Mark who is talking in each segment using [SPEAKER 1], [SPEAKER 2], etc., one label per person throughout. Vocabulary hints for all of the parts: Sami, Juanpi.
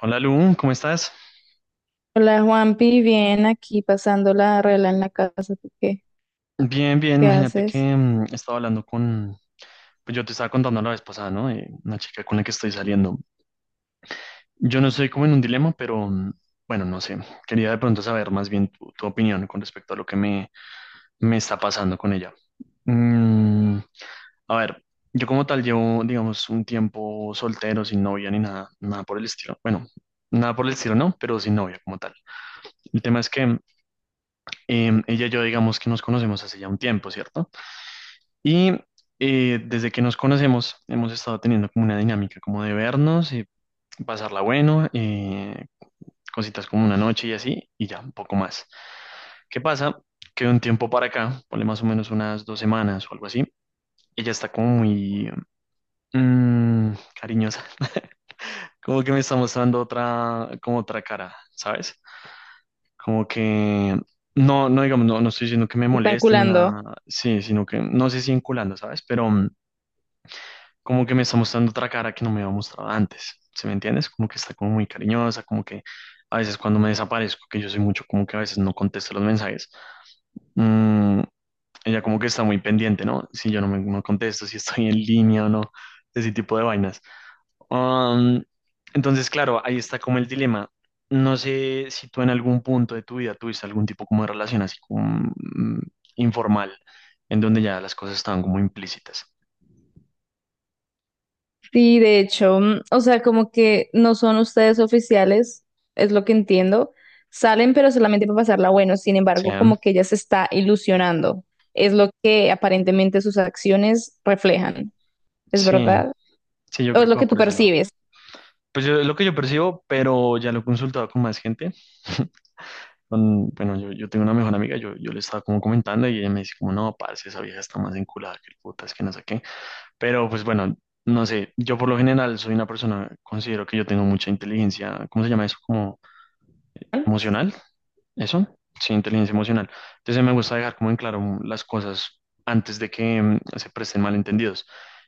[SPEAKER 1] Hola Lu, ¿cómo estás?
[SPEAKER 2] Hola Juanpi, bien aquí pasando la regla en la casa. ¿Tú qué?
[SPEAKER 1] Bien, bien,
[SPEAKER 2] ¿Qué
[SPEAKER 1] imagínate que
[SPEAKER 2] haces?
[SPEAKER 1] estaba hablando con, pues yo te estaba contando la vez pasada, ¿no? De una chica con la que estoy saliendo. Yo no estoy como en un dilema, pero bueno, no sé. Quería de pronto saber más bien tu opinión con respecto a lo que me está pasando con ella. Mm, a ver, yo como tal llevo, digamos, un tiempo soltero, sin novia ni nada, nada por el estilo. Bueno, nada por el estilo, no, pero sin novia como tal. El tema es que ella y yo, digamos que nos conocemos hace ya un tiempo, ¿cierto? Y desde que nos conocemos hemos estado teniendo como una dinámica como de vernos, pasarla bueno, cositas como una noche y así, y ya, un poco más. ¿Qué pasa? Que de un tiempo para acá, ponle más o menos unas dos semanas o algo así, ella está como muy mm, cariñosa, como que me está mostrando otra, como otra cara, ¿sabes? Como que... No, no digamos, no, no estoy diciendo que me
[SPEAKER 2] ¿Te ¿Están
[SPEAKER 1] moleste ni
[SPEAKER 2] culando?
[SPEAKER 1] nada, sí, sino que no sé si vinculando, ¿sabes? Pero como que me está mostrando otra cara que no me había mostrado antes, ¿sí me entiendes? Como que está como muy cariñosa, como que a veces cuando me desaparezco, que yo soy mucho como que a veces no contesto los mensajes, mm, ella como que está muy pendiente, ¿no? Si yo no me no contesto, si estoy en línea o no, ese tipo de vainas. Um, entonces, claro, ahí está como el dilema. No sé si tú en algún punto de tu vida tuviste algún tipo como de relación así como informal, en donde ya las cosas estaban como implícitas.
[SPEAKER 2] Sí, de hecho, o sea, como que no son ustedes oficiales, es lo que entiendo. Salen, pero solamente para pasarla bueno. Sin
[SPEAKER 1] O
[SPEAKER 2] embargo,
[SPEAKER 1] sea,
[SPEAKER 2] como que ella se está ilusionando. Es lo que aparentemente sus acciones reflejan. ¿Es
[SPEAKER 1] sí.
[SPEAKER 2] verdad?
[SPEAKER 1] Sí, yo
[SPEAKER 2] ¿O es
[SPEAKER 1] creo
[SPEAKER 2] lo
[SPEAKER 1] que va
[SPEAKER 2] que tú
[SPEAKER 1] por ese lado.
[SPEAKER 2] percibes?
[SPEAKER 1] Pues yo, es lo que yo percibo, pero ya lo he consultado con más gente. Con, bueno, yo tengo una mejor amiga, yo le estaba como comentando y ella me dice como, no, parce, esa vieja está más enculada que el puta, es que no sé qué. Pero pues bueno, no sé, yo por lo general soy una persona, considero que yo tengo mucha inteligencia, ¿cómo se llama eso? Como
[SPEAKER 2] ¿No?
[SPEAKER 1] emocional. Eso, sí, inteligencia emocional. Entonces me gusta dejar como en claro las cosas antes de que se presten malentendidos.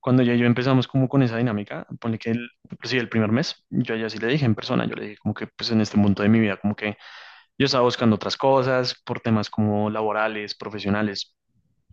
[SPEAKER 1] Cuando ya yo empezamos como con esa dinámica, ponle que el, inclusive el primer mes, yo ya sí le dije en persona, yo le dije como que pues en este punto de mi vida, como que yo estaba buscando otras cosas por temas como laborales, profesionales,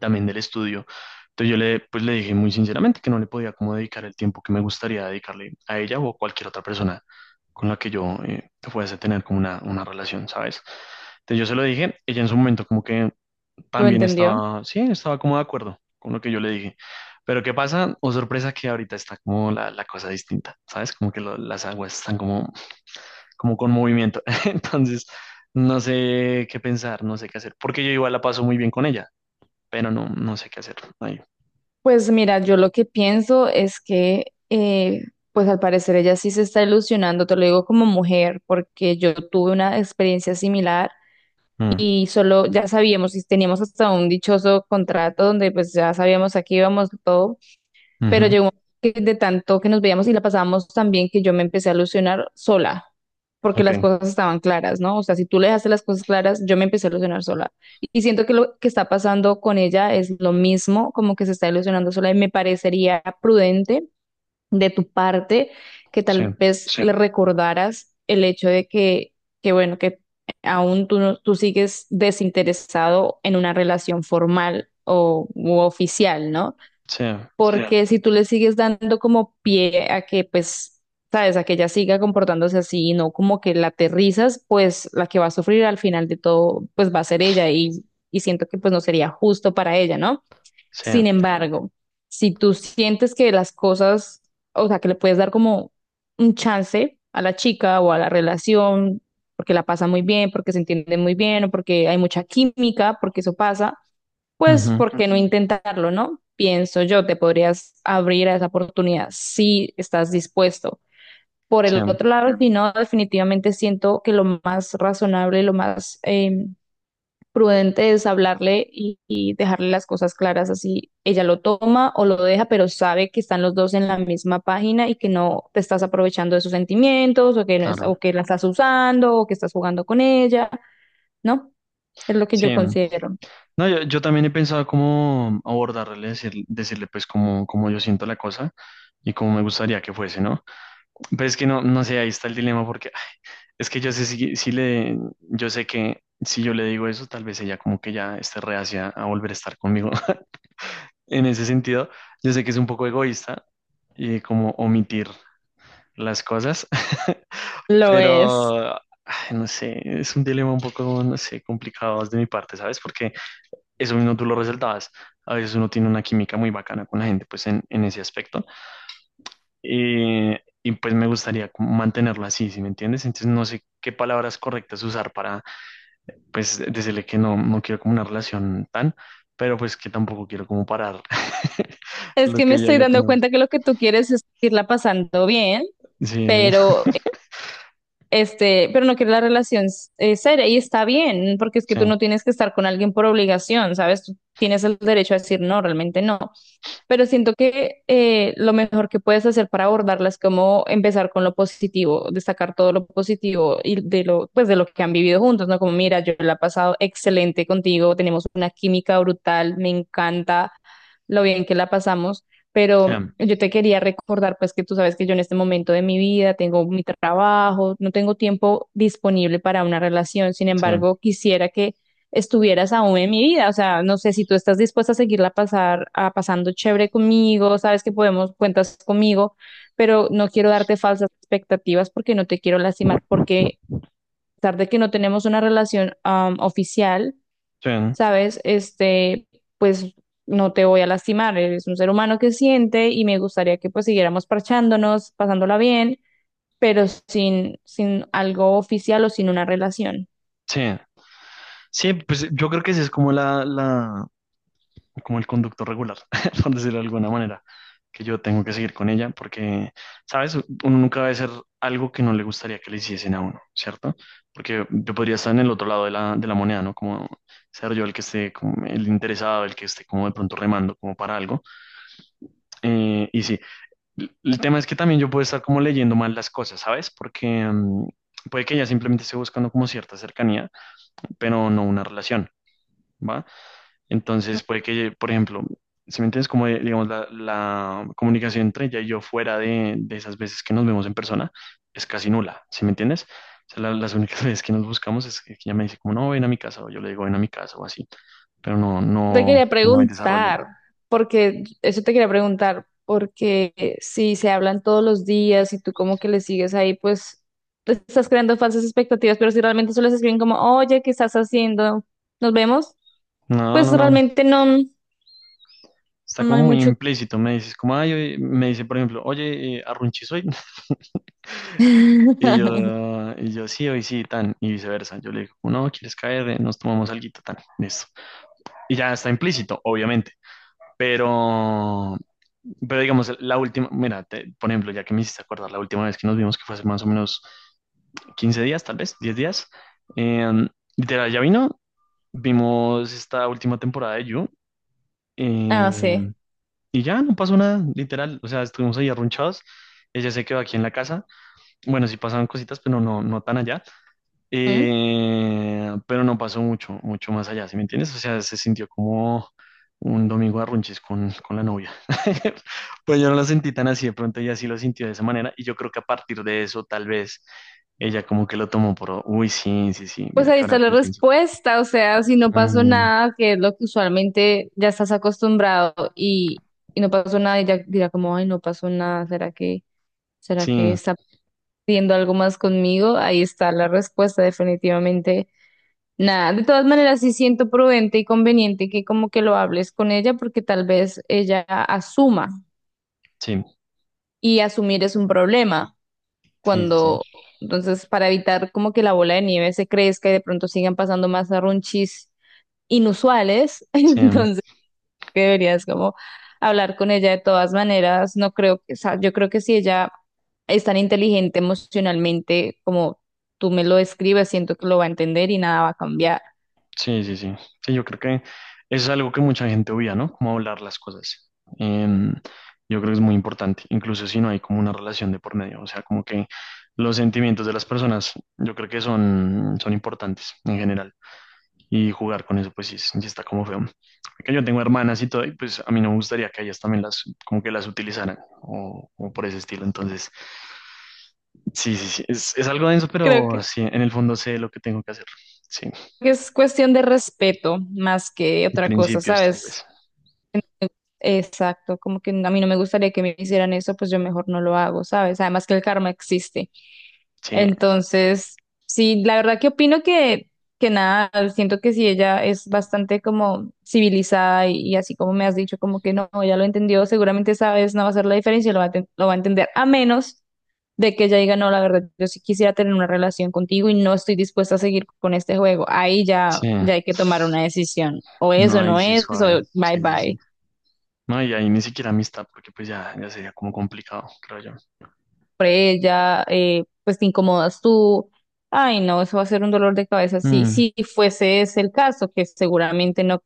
[SPEAKER 1] también del estudio. Entonces yo le, pues le dije muy sinceramente que no le podía como dedicar el tiempo que me gustaría dedicarle a ella o a cualquier otra persona con la que yo fuese a tener como una relación, ¿sabes? Entonces yo se lo dije, ella en su momento como que
[SPEAKER 2] ¿Lo
[SPEAKER 1] también
[SPEAKER 2] entendió?
[SPEAKER 1] estaba, sí, estaba como de acuerdo con lo que yo le dije. Pero ¿qué pasa? O sorpresa que ahorita está como la cosa distinta, ¿sabes? Como que las aguas están como, como con movimiento. Entonces, no sé qué pensar, no sé qué hacer, porque yo igual la paso muy bien con ella pero no, no sé qué hacer ahí.
[SPEAKER 2] Pues mira, yo lo que pienso es que, eh, pues al parecer ella sí se está ilusionando, te lo digo como mujer, porque yo tuve una experiencia similar
[SPEAKER 1] Mm,
[SPEAKER 2] y solo ya sabíamos y teníamos hasta un dichoso contrato donde pues ya sabíamos a qué íbamos todo, pero llegó un
[SPEAKER 1] ujú,
[SPEAKER 2] momento que de tanto que nos veíamos y la pasábamos tan bien que yo me empecé a ilusionar sola, porque las
[SPEAKER 1] ok,
[SPEAKER 2] cosas estaban claras, ¿no? O sea, si tú le dejaste las cosas claras, yo me empecé a ilusionar sola. Y siento que lo que está pasando con ella es lo mismo, como que se está ilusionando sola y me parecería prudente de tu parte que
[SPEAKER 1] sí,
[SPEAKER 2] tal vez, sí, le recordaras el hecho de que bueno, que aún tú, tú sigues desinteresado en una relación formal o u oficial, ¿no?
[SPEAKER 1] sí,
[SPEAKER 2] Porque si tú le sigues dando como pie a que, pues, sabes, a que ella siga comportándose así y no como que la aterrizas, pues la que va a sufrir al final de todo, pues va a ser ella, y siento que pues no sería justo para ella, ¿no?
[SPEAKER 1] sí,
[SPEAKER 2] Sin embargo, si tú sientes que las cosas, o sea, que le puedes dar como un chance a la chica o a la relación, porque la pasa muy bien, porque se entienden muy bien o porque hay mucha química, porque eso pasa, pues
[SPEAKER 1] ujú,
[SPEAKER 2] ¿por qué no, ujú, intentarlo, no? Pienso yo, te podrías abrir a esa oportunidad si estás dispuesto. Por el
[SPEAKER 1] sí,
[SPEAKER 2] otro lado, si no, definitivamente siento que lo más razonable, lo más prudente es hablarle y dejarle las cosas claras así. Ella lo toma o lo deja, pero sabe que están los dos en la misma página y que no te estás aprovechando de sus sentimientos o que, no es- o
[SPEAKER 1] claro.
[SPEAKER 2] que la estás usando o que estás jugando con ella, ¿no? Es lo que yo
[SPEAKER 1] Sí,
[SPEAKER 2] considero.
[SPEAKER 1] no, yo también he pensado cómo abordarle, decirle pues cómo, cómo yo siento la cosa y cómo me gustaría que fuese, ¿no? Pero es que no, no sé, ahí está el dilema porque ay, es que yo sé si, si le, yo sé que si yo le digo eso, tal vez ella como que ya esté reacia a volver a estar conmigo. En ese sentido, yo sé que es un poco egoísta y como omitir las cosas.
[SPEAKER 2] Lo es.
[SPEAKER 1] Pero, ay, no sé, es un dilema un poco, no sé, complicado de mi parte, ¿sabes? Porque eso mismo tú lo resaltabas. A veces uno tiene una química muy bacana con la gente, pues en ese aspecto. Y, y pues me gustaría como mantenerlo así, ¿sí me entiendes? Entonces no sé qué palabras correctas usar para, pues, decirle que no, no quiero como una relación tan, pero pues que tampoco quiero como parar
[SPEAKER 2] Es
[SPEAKER 1] lo
[SPEAKER 2] que me
[SPEAKER 1] que ya
[SPEAKER 2] estoy
[SPEAKER 1] yo
[SPEAKER 2] dando
[SPEAKER 1] tengo.
[SPEAKER 2] cuenta que lo que tú quieres es irla pasando bien,
[SPEAKER 1] Sí,
[SPEAKER 2] pero este, pero no quieres la relación seria, y está bien, porque es que
[SPEAKER 1] sí,
[SPEAKER 2] tú no tienes que estar con alguien por obligación, ¿sabes? Tú tienes el derecho a decir no, realmente no. Pero siento que lo mejor que puedes hacer para abordarla es como empezar con lo positivo, destacar todo lo positivo y de lo, pues de lo que han vivido juntos, ¿no? Como, mira, yo la he pasado excelente contigo, tenemos una química brutal, me encanta lo bien que la pasamos,
[SPEAKER 1] sí,
[SPEAKER 2] pero yo te quería recordar, pues que tú sabes que yo en este momento de mi vida tengo mi trabajo, no tengo tiempo disponible para una relación, sin
[SPEAKER 1] sí,
[SPEAKER 2] embargo, quisiera que estuvieras aún en mi vida. O sea, no sé si tú estás dispuesta a seguirla pasar, a pasando chévere conmigo, sabes que podemos, cuentas conmigo, pero no quiero darte falsas expectativas porque no te quiero lastimar, porque a pesar de que no tenemos una relación oficial,
[SPEAKER 1] sí,
[SPEAKER 2] sabes, este, pues no te voy a lastimar, eres un ser humano que siente y me gustaría que pues siguiéramos parchándonos, pasándola bien, pero sin algo oficial o sin una relación.
[SPEAKER 1] sí. Sí, pues yo creo que esa es como como el conducto regular, por decirlo de alguna manera, que yo tengo que seguir con ella porque, ¿sabes? Uno nunca debe hacer algo que no le gustaría que le hiciesen a uno, ¿cierto? Porque yo podría estar en el otro lado de de la moneda, ¿no? Como ser yo el que esté, como el interesado, el que esté como de pronto remando como para algo. Y sí, el tema es que también yo puedo estar como leyendo mal las cosas, ¿sabes? Porque puede que ella simplemente esté buscando como cierta cercanía, pero no una relación, ¿va? Entonces puede que, por ejemplo, si me entiendes, como digamos la comunicación entre ella y yo fuera de esas veces que nos vemos en persona es casi nula, ¿si me entiendes? O sea, las únicas veces que nos buscamos es que ella me dice como no, ven a mi casa o yo le digo ven a mi casa o así, pero no,
[SPEAKER 2] Te
[SPEAKER 1] no,
[SPEAKER 2] quería
[SPEAKER 1] no hay desarrollo.
[SPEAKER 2] preguntar, porque eso te quería preguntar, porque si se hablan todos los días y tú como que le sigues ahí, pues te estás creando falsas expectativas, pero si realmente solo se escriben como, oye, ¿qué estás haciendo? ¿Nos vemos?
[SPEAKER 1] No,
[SPEAKER 2] Pues
[SPEAKER 1] no, no.
[SPEAKER 2] realmente no,
[SPEAKER 1] Está
[SPEAKER 2] no hay
[SPEAKER 1] como muy
[SPEAKER 2] mucho.
[SPEAKER 1] implícito. Me dices como, ay, oye", me dice, por ejemplo, oye, arrunchis hoy. Y yo sí, hoy sí, tan, y viceversa. Yo le digo, no, ¿quieres caer? Nos tomamos alguito, tan, listo. Y ya está implícito, obviamente. Pero, pero digamos, la última, mira, por ejemplo, ya que me hiciste acordar la última vez que nos vimos, que fue hace más o menos 15 días, tal vez, 10 días, eh, literal, ya vino, vimos esta última temporada de You,
[SPEAKER 2] Ah,
[SPEAKER 1] eh,
[SPEAKER 2] sí.
[SPEAKER 1] y ya no pasó nada, literal, o sea, estuvimos ahí arrunchados, ella se quedó aquí en la casa, bueno, sí pasaban cositas, pero no, no tan allá,
[SPEAKER 2] ¿Mm?
[SPEAKER 1] pero no pasó mucho, mucho más allá, ¿sí me entiendes? O sea, se sintió como un domingo de runches con la novia. Pues yo no lo sentí tan así, de pronto ella sí lo sintió de esa manera y yo creo que a partir de eso tal vez ella como que lo tomó por, uy, sí, sí, sí,
[SPEAKER 2] Pues
[SPEAKER 1] mira
[SPEAKER 2] ahí
[SPEAKER 1] que ahora
[SPEAKER 2] está la
[SPEAKER 1] que lo pienso.
[SPEAKER 2] respuesta, o sea, si no pasó
[SPEAKER 1] Mm,
[SPEAKER 2] nada, que es lo que usualmente ya estás acostumbrado, y no pasó nada y ya dirá como, ay, no pasó nada, será
[SPEAKER 1] sí,
[SPEAKER 2] que está viendo algo más conmigo? Ahí está la respuesta, definitivamente. Nada, de todas maneras sí siento prudente y conveniente que como que lo hables con ella porque tal vez ella asuma,
[SPEAKER 1] sí,
[SPEAKER 2] y asumir es un problema
[SPEAKER 1] sí, sí, sí,
[SPEAKER 2] cuando, entonces para evitar como que la bola de nieve se crezca y de pronto sigan pasando más arrunchis inusuales,
[SPEAKER 1] sí.
[SPEAKER 2] entonces que deberías como hablar con ella de todas maneras. No creo que, o sea, yo creo que si ella es tan inteligente emocionalmente como tú me lo describes, siento que lo va a entender y nada va a cambiar.
[SPEAKER 1] Sí, sí, sí. Sí, yo creo que eso es algo que mucha gente obvia, ¿no? Cómo hablar las cosas. Em, yo creo que es muy importante, incluso si no hay como una relación de por medio. O sea, como que los sentimientos de las personas, yo creo que son, son importantes en general. Y jugar con eso, pues sí, sí está como feo. Porque yo tengo hermanas y todo, y pues a mí no me gustaría que ellas también las, como que las utilizaran, o por ese estilo. Entonces, sí, sí, sí. Es algo denso,
[SPEAKER 2] Creo
[SPEAKER 1] pero
[SPEAKER 2] que
[SPEAKER 1] sí, en el fondo sé lo que tengo que hacer. Sí,
[SPEAKER 2] es cuestión de respeto más que
[SPEAKER 1] y
[SPEAKER 2] otra cosa,
[SPEAKER 1] principios tal
[SPEAKER 2] ¿sabes?
[SPEAKER 1] vez.
[SPEAKER 2] Exacto, como que a mí no me gustaría que me hicieran eso, pues yo mejor no lo hago, ¿sabes? Además que el karma existe.
[SPEAKER 1] Sí.
[SPEAKER 2] Entonces, sí, la verdad que opino que nada, siento que si ella es bastante como civilizada y así como me has dicho, como que no, ya lo entendió, seguramente esa vez no va a hacer la diferencia, lo va a, lo va a entender, a menos de que ella diga, no, la verdad, yo sí quisiera tener una relación contigo y no estoy dispuesta a seguir con este juego. Ahí ya,
[SPEAKER 1] Sí,
[SPEAKER 2] ya hay que tomar una decisión, o
[SPEAKER 1] no,
[SPEAKER 2] eso
[SPEAKER 1] ahí
[SPEAKER 2] no
[SPEAKER 1] sí
[SPEAKER 2] es,
[SPEAKER 1] suave.
[SPEAKER 2] o bye
[SPEAKER 1] Sí, sí, sí.
[SPEAKER 2] bye.
[SPEAKER 1] No, y ahí ni siquiera amistad, porque pues ya, ya sería como complicado, creo yo.
[SPEAKER 2] Por ella, pues te incomodas tú. Ay, no, eso va a ser un dolor de cabeza si
[SPEAKER 1] Mm,
[SPEAKER 2] si fuese ese el caso, que seguramente no,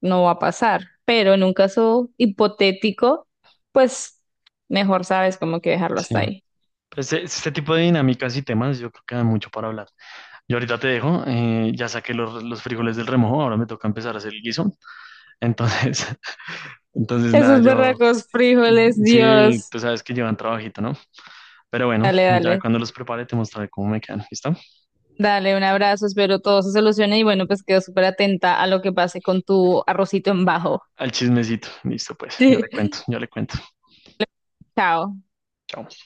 [SPEAKER 2] no va a pasar. Pero en un caso hipotético, pues mejor sabes como que dejarlo
[SPEAKER 1] sí.
[SPEAKER 2] hasta ahí.
[SPEAKER 1] Pues este tipo de dinámicas y temas, yo creo que da mucho para hablar. Yo ahorita te dejo, ya saqué los frijoles del remojo, ahora me toca empezar a hacer el guiso. Entonces, entonces nada,
[SPEAKER 2] Esos
[SPEAKER 1] yo,
[SPEAKER 2] berracos frijoles,
[SPEAKER 1] sí,
[SPEAKER 2] Dios.
[SPEAKER 1] tú sabes que llevan trabajito, ¿no? Pero bueno,
[SPEAKER 2] Dale,
[SPEAKER 1] ya
[SPEAKER 2] dale.
[SPEAKER 1] cuando los prepare te mostraré cómo me quedan, ¿listo?
[SPEAKER 2] Dale, un abrazo, espero todo se solucione y bueno, pues quedo súper atenta a lo que pase con tu arrocito en bajo.
[SPEAKER 1] Al chismecito, listo pues, yo le cuento, yo le cuento.
[SPEAKER 2] Chao.
[SPEAKER 1] Chao.